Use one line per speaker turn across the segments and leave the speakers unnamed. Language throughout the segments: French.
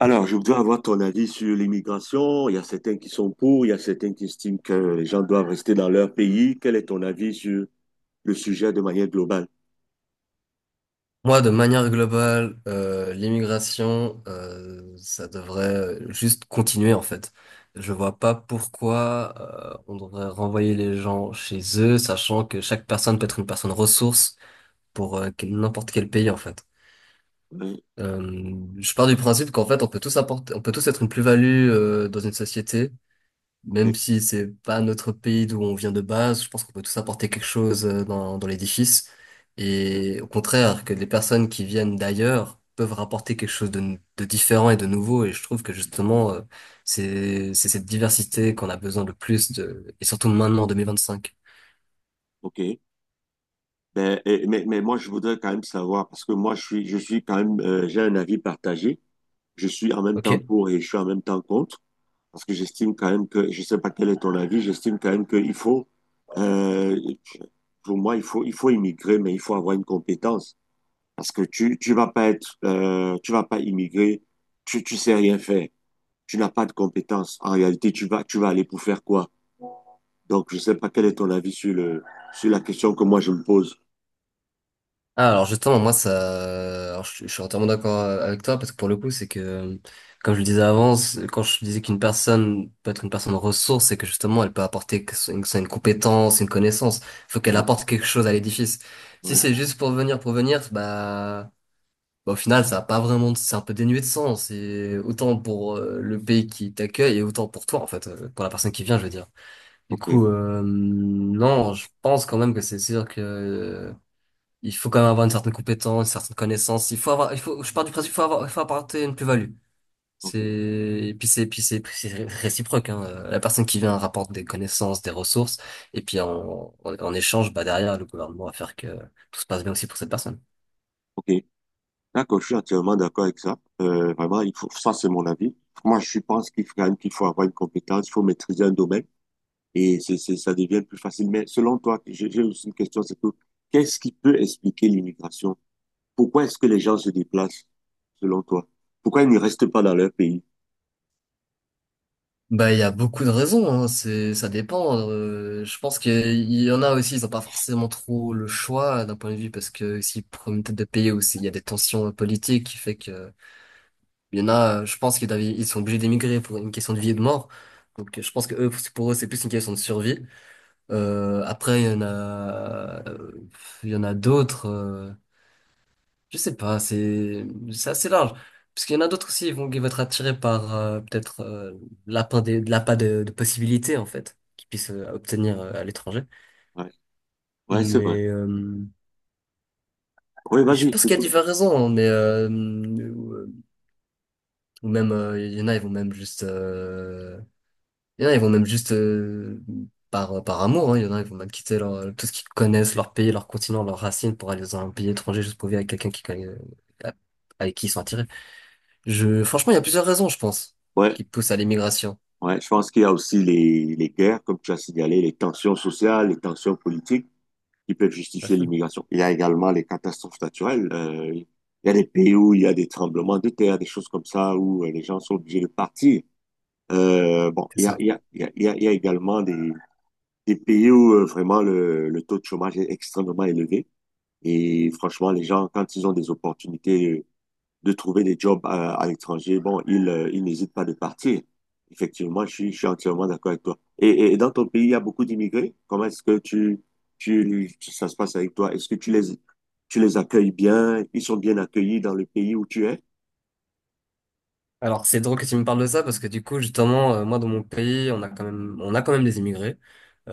Alors, je voudrais avoir ton avis sur l'immigration. Il y a certains qui sont pour, il y a certains qui estiment que les gens doivent rester dans leur pays. Quel est ton avis sur le sujet de manière globale?
Moi, de manière globale, l'immigration, ça devrait juste continuer en fait. Je vois pas pourquoi on devrait renvoyer les gens chez eux, sachant que chaque personne peut être une personne ressource pour n'importe quel pays en fait.
Hein,
Je pars du principe qu'en fait, on peut tous apporter, on peut tous être une plus-value dans une société
ok,
même si c'est pas notre pays d'où on vient de base, je pense qu'on peut tous apporter quelque chose dans l'édifice.
hein,
Et au contraire, que les personnes qui viennent d'ailleurs peuvent rapporter quelque chose de différent et de nouveau. Et je trouve que justement, c'est cette diversité qu'on a besoin le plus de, et surtout maintenant en 2025.
ok. Mais moi, je voudrais quand même savoir, parce que moi, je suis quand même, j'ai un avis partagé. Je suis en même temps
Ok?
pour et je suis en même temps contre, parce que j'estime quand même que, je sais pas quel est ton avis, j'estime quand même qu'il faut, euh, pour moi, il faut immigrer, mais il faut avoir une compétence. Parce que tu vas pas être, tu vas pas immigrer, tu sais rien faire, tu n'as pas de compétences. En réalité, tu vas aller pour faire quoi? Donc, je sais pas quel est ton avis sur sur la question que moi je me pose.
Ah, alors justement, moi, ça, alors, je suis entièrement d'accord avec toi parce que pour le coup, c'est que, comme je le disais avant, quand je disais qu'une personne peut être une personne ressource, c'est que justement, elle peut apporter que ce une, que ce soit une compétence, une connaissance. Il faut qu'elle
Ouais,
apporte quelque chose à l'édifice. Si
ouais,
c'est juste pour venir, bah, au final, ça a pas vraiment, c'est un peu dénué de sens. Et autant pour le pays qui t'accueille et autant pour toi, en fait, pour la personne qui vient, je veux dire. Du
ok,
coup, non, je pense quand même que c'est sûr que il faut quand même avoir une certaine compétence, une certaine connaissance. Il faut avoir, il faut, je pars du principe, il faut avoir, il faut apporter une plus-value. C'est,
ok,
et puis c'est, puis c'est, puis c'est réciproque, hein. La personne qui vient rapporte des connaissances, des ressources, et puis en échange, bah, derrière, le gouvernement va faire que tout se passe bien aussi pour cette personne.
ok. D'accord, je suis entièrement d'accord avec ça. Vraiment, il faut, ça c'est mon avis. Moi, je pense qu'il faut, quand même qu'il faut avoir une compétence, il faut maîtriser un domaine et ça devient plus facile. Mais selon toi, j'ai aussi une question, c'est que qu'est-ce qui peut expliquer l'immigration? Pourquoi est-ce que les gens se déplacent, selon toi? Pourquoi ils ne restent pas dans leur pays?
Bah, il y a beaucoup de raisons, hein. Ça dépend. Je pense qu'il y en a aussi, ils n'ont pas forcément trop le choix d'un point de vue parce que s'ils prennent une tête de pays ou s'il y a des tensions politiques qui fait que il y en a, je pense ils sont obligés d'émigrer pour une question de vie et de mort. Donc je pense que eux, pour eux, c'est plus une question de survie. Après, il y en a d'autres. Je sais pas, c'est assez large. Parce qu'il y en a d'autres aussi, ils vont être attirés par peut-être l'appât de possibilités en fait qu'ils puissent obtenir à l'étranger.
Ouais, ouais, c'est vrai.
Mais
Oui,
je
vas-y.
pense
Tu
qu'il y a
peux.
diverses raisons, hein, mais ou même il y en a, ils vont même juste il y en a, ils vont même juste par amour, hein. Il y en a, ils vont même quitter tout ce qu'ils connaissent, leur pays, leur continent, leurs racines pour aller dans un pays étranger juste pour vivre avec quelqu'un qui connaît, avec qui ils sont attirés. Franchement, il y a plusieurs raisons, je pense,
Ouais,
qui poussent à l'immigration.
ouais, je pense qu'il y a aussi les guerres, comme tu as signalé, les tensions sociales, les tensions politiques qui peuvent
Tout à
justifier
fait.
l'immigration. Il y a également les catastrophes naturelles. Il y a des pays où il y a des tremblements de terre, des choses comme ça, où les gens sont obligés de partir. Bon,
C'est
il y a,
ça.
il y a, il y a, il y a il y a également des pays où vraiment le taux de chômage est extrêmement élevé. Et franchement, les gens, quand ils ont des opportunités de trouver des jobs à l'étranger, bon, ils n'hésitent pas de partir. Effectivement, je suis entièrement d'accord avec toi. Et dans ton pays, il y a beaucoup d'immigrés. Comment est-ce que tu- ça se passe avec toi? Est-ce que tu les, Tu les accueilles bien? Ils sont bien accueillis dans le pays où tu es?
Alors, c'est drôle que tu me parles de ça parce que du coup, justement, moi, dans mon pays, on a quand même des immigrés.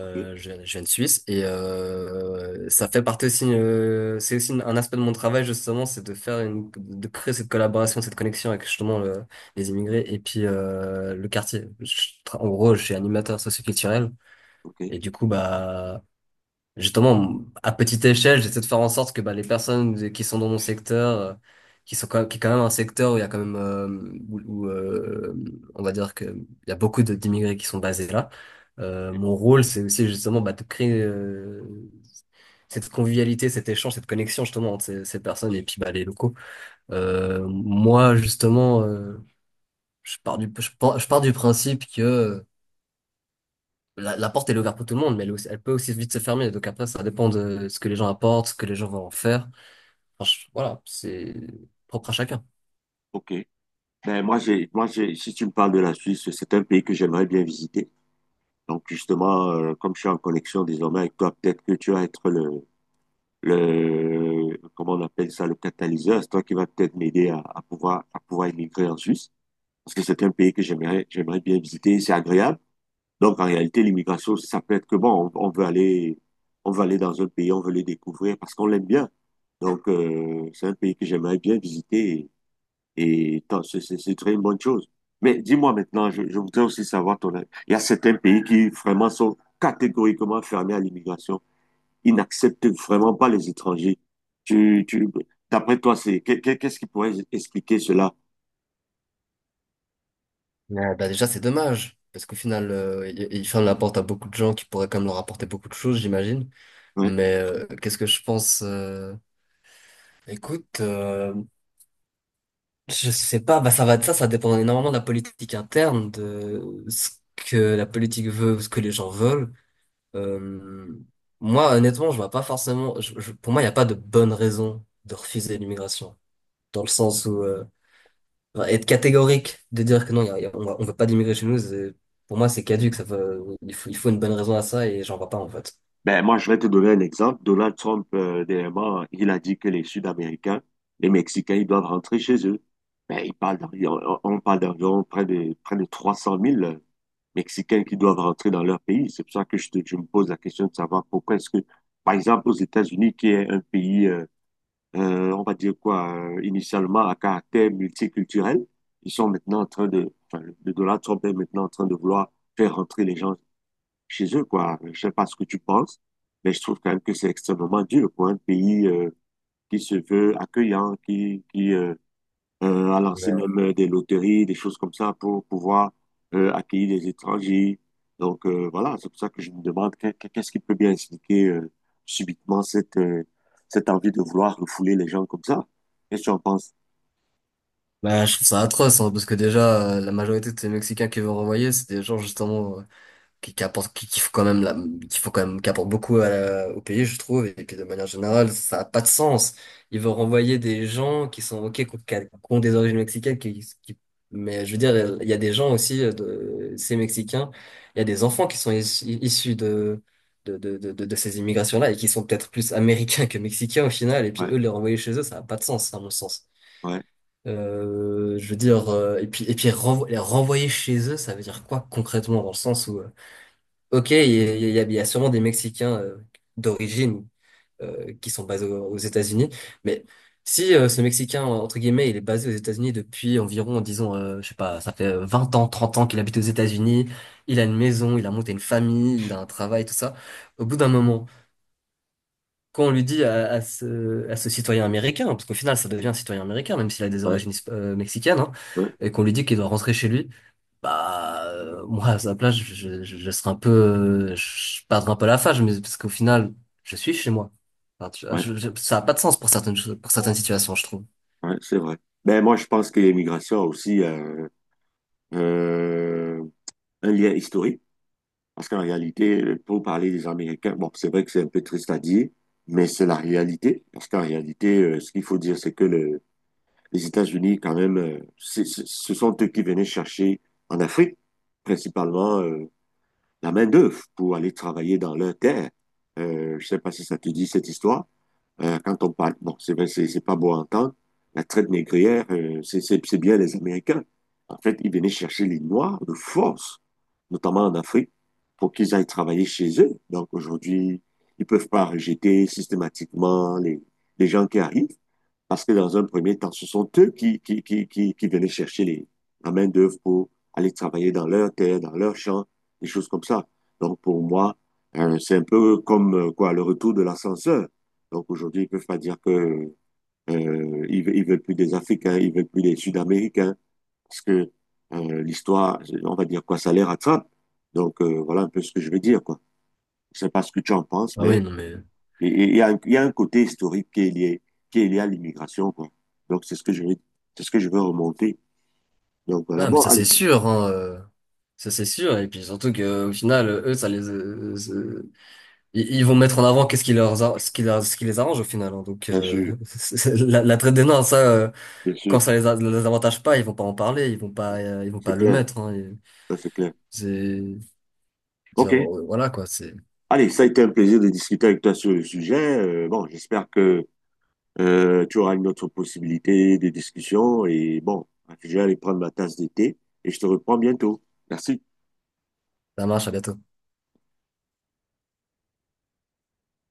OK,
je, viens je viens de Suisse et ça fait partie aussi, c'est aussi un aspect de mon travail justement, c'est de de créer cette collaboration, cette connexion avec justement les immigrés et puis le quartier. En gros, je suis animateur socioculturel
OK,
et du coup, bah justement, à petite échelle, j'essaie de faire en sorte que bah, les personnes qui sont dans mon secteur, qui est quand même un secteur où il y a quand même, où, où, euh, on va dire que il y a beaucoup d'immigrés qui sont basés là.
OK.
Mon rôle, c'est aussi justement bah, de créer cette convivialité, cet échange, cette connexion justement entre ces personnes et puis bah, les locaux. Moi, justement, je pars du principe que la porte, elle est ouverte pour tout le monde, mais elle peut aussi vite se fermer. Donc après, ça dépend de ce que les gens apportent, ce que les gens vont en faire. Enfin, voilà, c'est propre à chacun.
Ok. Moi, j'ai, si tu me parles de la Suisse, c'est un pays que j'aimerais bien visiter. Donc, justement, comme je suis en connexion désormais avec toi, peut-être que tu vas être le, comment on appelle ça, le catalyseur, c'est toi qui va peut-être m'aider à pouvoir immigrer en Suisse, parce que c'est un pays que j'aimerais bien visiter, c'est agréable. Donc, en réalité, l'immigration, ça peut être que bon, on veut aller dans un pays, on veut le découvrir parce qu'on l'aime bien. Donc, c'est un pays que j'aimerais bien visiter et, c'est très une bonne chose. Mais dis-moi maintenant, je voudrais aussi savoir ton avis. Il y a certains pays qui vraiment sont catégoriquement fermés à l'immigration, ils n'acceptent vraiment pas les étrangers. Tu, tu, D'après toi, qu'est-ce qui pourrait expliquer cela?
Mais, bah, déjà, c'est dommage, parce qu'au final, il ferme la porte à beaucoup de gens qui pourraient quand même leur apporter beaucoup de choses, j'imagine.
Ouais.
Mais qu'est-ce que je pense Écoute, je sais pas, bah, ça va être ça, ça dépend énormément de la politique interne, de ce que la politique veut, ce que les gens veulent. Euh, Moi, honnêtement, je vois pas forcément. Pour moi, il n'y a pas de bonne raison de refuser l'immigration, dans le sens où enfin, être catégorique, de dire que non, il y a- on va- on veut pas d'immigrer chez nous, pour moi, c'est caduque. Ça veut, il faut, Il faut une bonne raison à ça et j'en vois pas en fait.
Ben, moi, je vais te donner un exemple. Donald Trump, dernièrement, il a dit que les Sud-Américains, les Mexicains, ils doivent rentrer chez eux. Ben, il parle d'environ- on parle d'environ près de 300 000 Mexicains qui doivent rentrer dans leur pays. C'est pour ça que je me pose la question de savoir pourquoi est-ce que, par exemple, aux États-Unis, qui est un pays, on va dire quoi, initialement à caractère multiculturel. Ils sont maintenant en train de, enfin, le Donald Trump est maintenant en train de vouloir faire rentrer les gens chez eux, quoi. Je sais pas ce que tu penses, mais je trouve quand même que c'est extrêmement dur pour un pays qui se veut accueillant, à lancer
Ouais.
même des loteries, des choses comme ça pour pouvoir accueillir des étrangers. Donc voilà, c'est pour ça que je me demande qu'est-ce qui peut bien expliquer subitement cette, cette envie de vouloir refouler les gens comme ça. Qu'est-ce que tu en penses?
Bah, je trouve ça atroce, hein, parce que déjà, la majorité de ces Mexicains qui vont renvoyer, c'est des gens justement qui apporte, qui faut quand même, qui apporte beaucoup au pays, je trouve, et que de manière générale, ça a pas de sens. Ils vont renvoyer des gens qui sont, ok, qui ont des origines mexicaines, mais je veux dire, il y a des gens aussi, ces Mexicains, il y a des enfants qui sont issus de ces immigrations-là et qui sont peut-être plus américains que mexicains au final, et puis
Ouais,
eux, les renvoyer chez eux, ça a pas de sens, à mon sens.
ouais,
Je veux dire, et puis les renvoyer chez eux, ça veut dire quoi concrètement dans le sens où. Ok, il y a sûrement des Mexicains d'origine qui sont basés aux États-Unis, mais si ce Mexicain, entre guillemets, il est basé aux États-Unis depuis environ, disons, je sais pas, ça fait 20 ans, 30 ans qu'il habite aux États-Unis, il a une maison, il a monté une famille, il a un travail, tout ça, au bout d'un moment, quand on lui dit à ce citoyen américain, parce qu'au final, ça devient un citoyen américain, même s'il a des
ouais,
origines mexicaines, hein,
ouais,
et qu'on lui dit qu'il doit rentrer chez lui, bah, moi, à sa place, je serais un peu, je perdrais un peu la face, mais parce qu'au final, je suis chez moi. Enfin,
ouais,
ça a pas de sens pour certaines choses, pour certaines situations, je trouve.
ouais, c'est vrai. Ben moi, je pense que l'immigration a aussi euh, un lien historique. Parce qu'en réalité, pour parler des Américains, bon, c'est vrai que c'est un peu triste à dire, mais c'est la réalité. Parce qu'en réalité, ce qu'il faut dire, c'est que les États-Unis, quand même, ce sont eux qui venaient chercher en Afrique, principalement, la main-d'œuvre pour aller travailler dans leurs terres. Je sais pas si ça te dit cette histoire. Quand on parle, bon, c'est vrai, c'est pas beau à entendre. La traite négrière, c'est bien les Américains. En fait, ils venaient chercher les Noirs de force, notamment en Afrique, pour qu'ils aillent travailler chez eux. Donc aujourd'hui, ils peuvent pas rejeter systématiquement les gens qui arrivent. Parce que dans un premier temps, ce sont eux qui venaient chercher la main-d'œuvre pour aller travailler dans leur terre, dans leur champ, des choses comme ça. Donc pour moi, c'est un peu comme quoi le retour de l'ascenseur. Donc aujourd'hui, ils ne peuvent pas dire que veulent plus des Africains, ils ne veulent plus des Sud-Américains, parce que l'histoire, on va dire quoi, ça les rattrape. Donc voilà un peu ce que je veux dire, quoi. Je ne sais pas ce que tu en penses,
Ah
mais
oui, non mais,
et il y a, y a un côté historique qui est lié à l'immigration, quoi. Donc, c'est ce que je veux remonter. Donc, voilà.
ah mais
Bon,
ça
allez.
c'est sûr, hein, ça c'est sûr. Et puis surtout que au final, eux, ils vont mettre en avant qu'est-ce qui leur, a- ce qui leur, ce qui les arrange au final. Hein. Donc
Bien sûr,
la traite des nains, ça,
bien sûr.
quand ça les avantage pas, ils vont pas en parler, ils vont
C'est
pas le
clair.
mettre. Hein. Et
Ça, c'est clair.
c'est je veux dire,
OK.
voilà quoi, c'est
Allez, ça a été un plaisir de discuter avec toi sur le sujet. Bon, j'espère que tu auras une autre possibilité de discussion. Et bon, je vais aller prendre ma tasse d'été et je te reprends bientôt. Merci.
ça marche, à bientôt.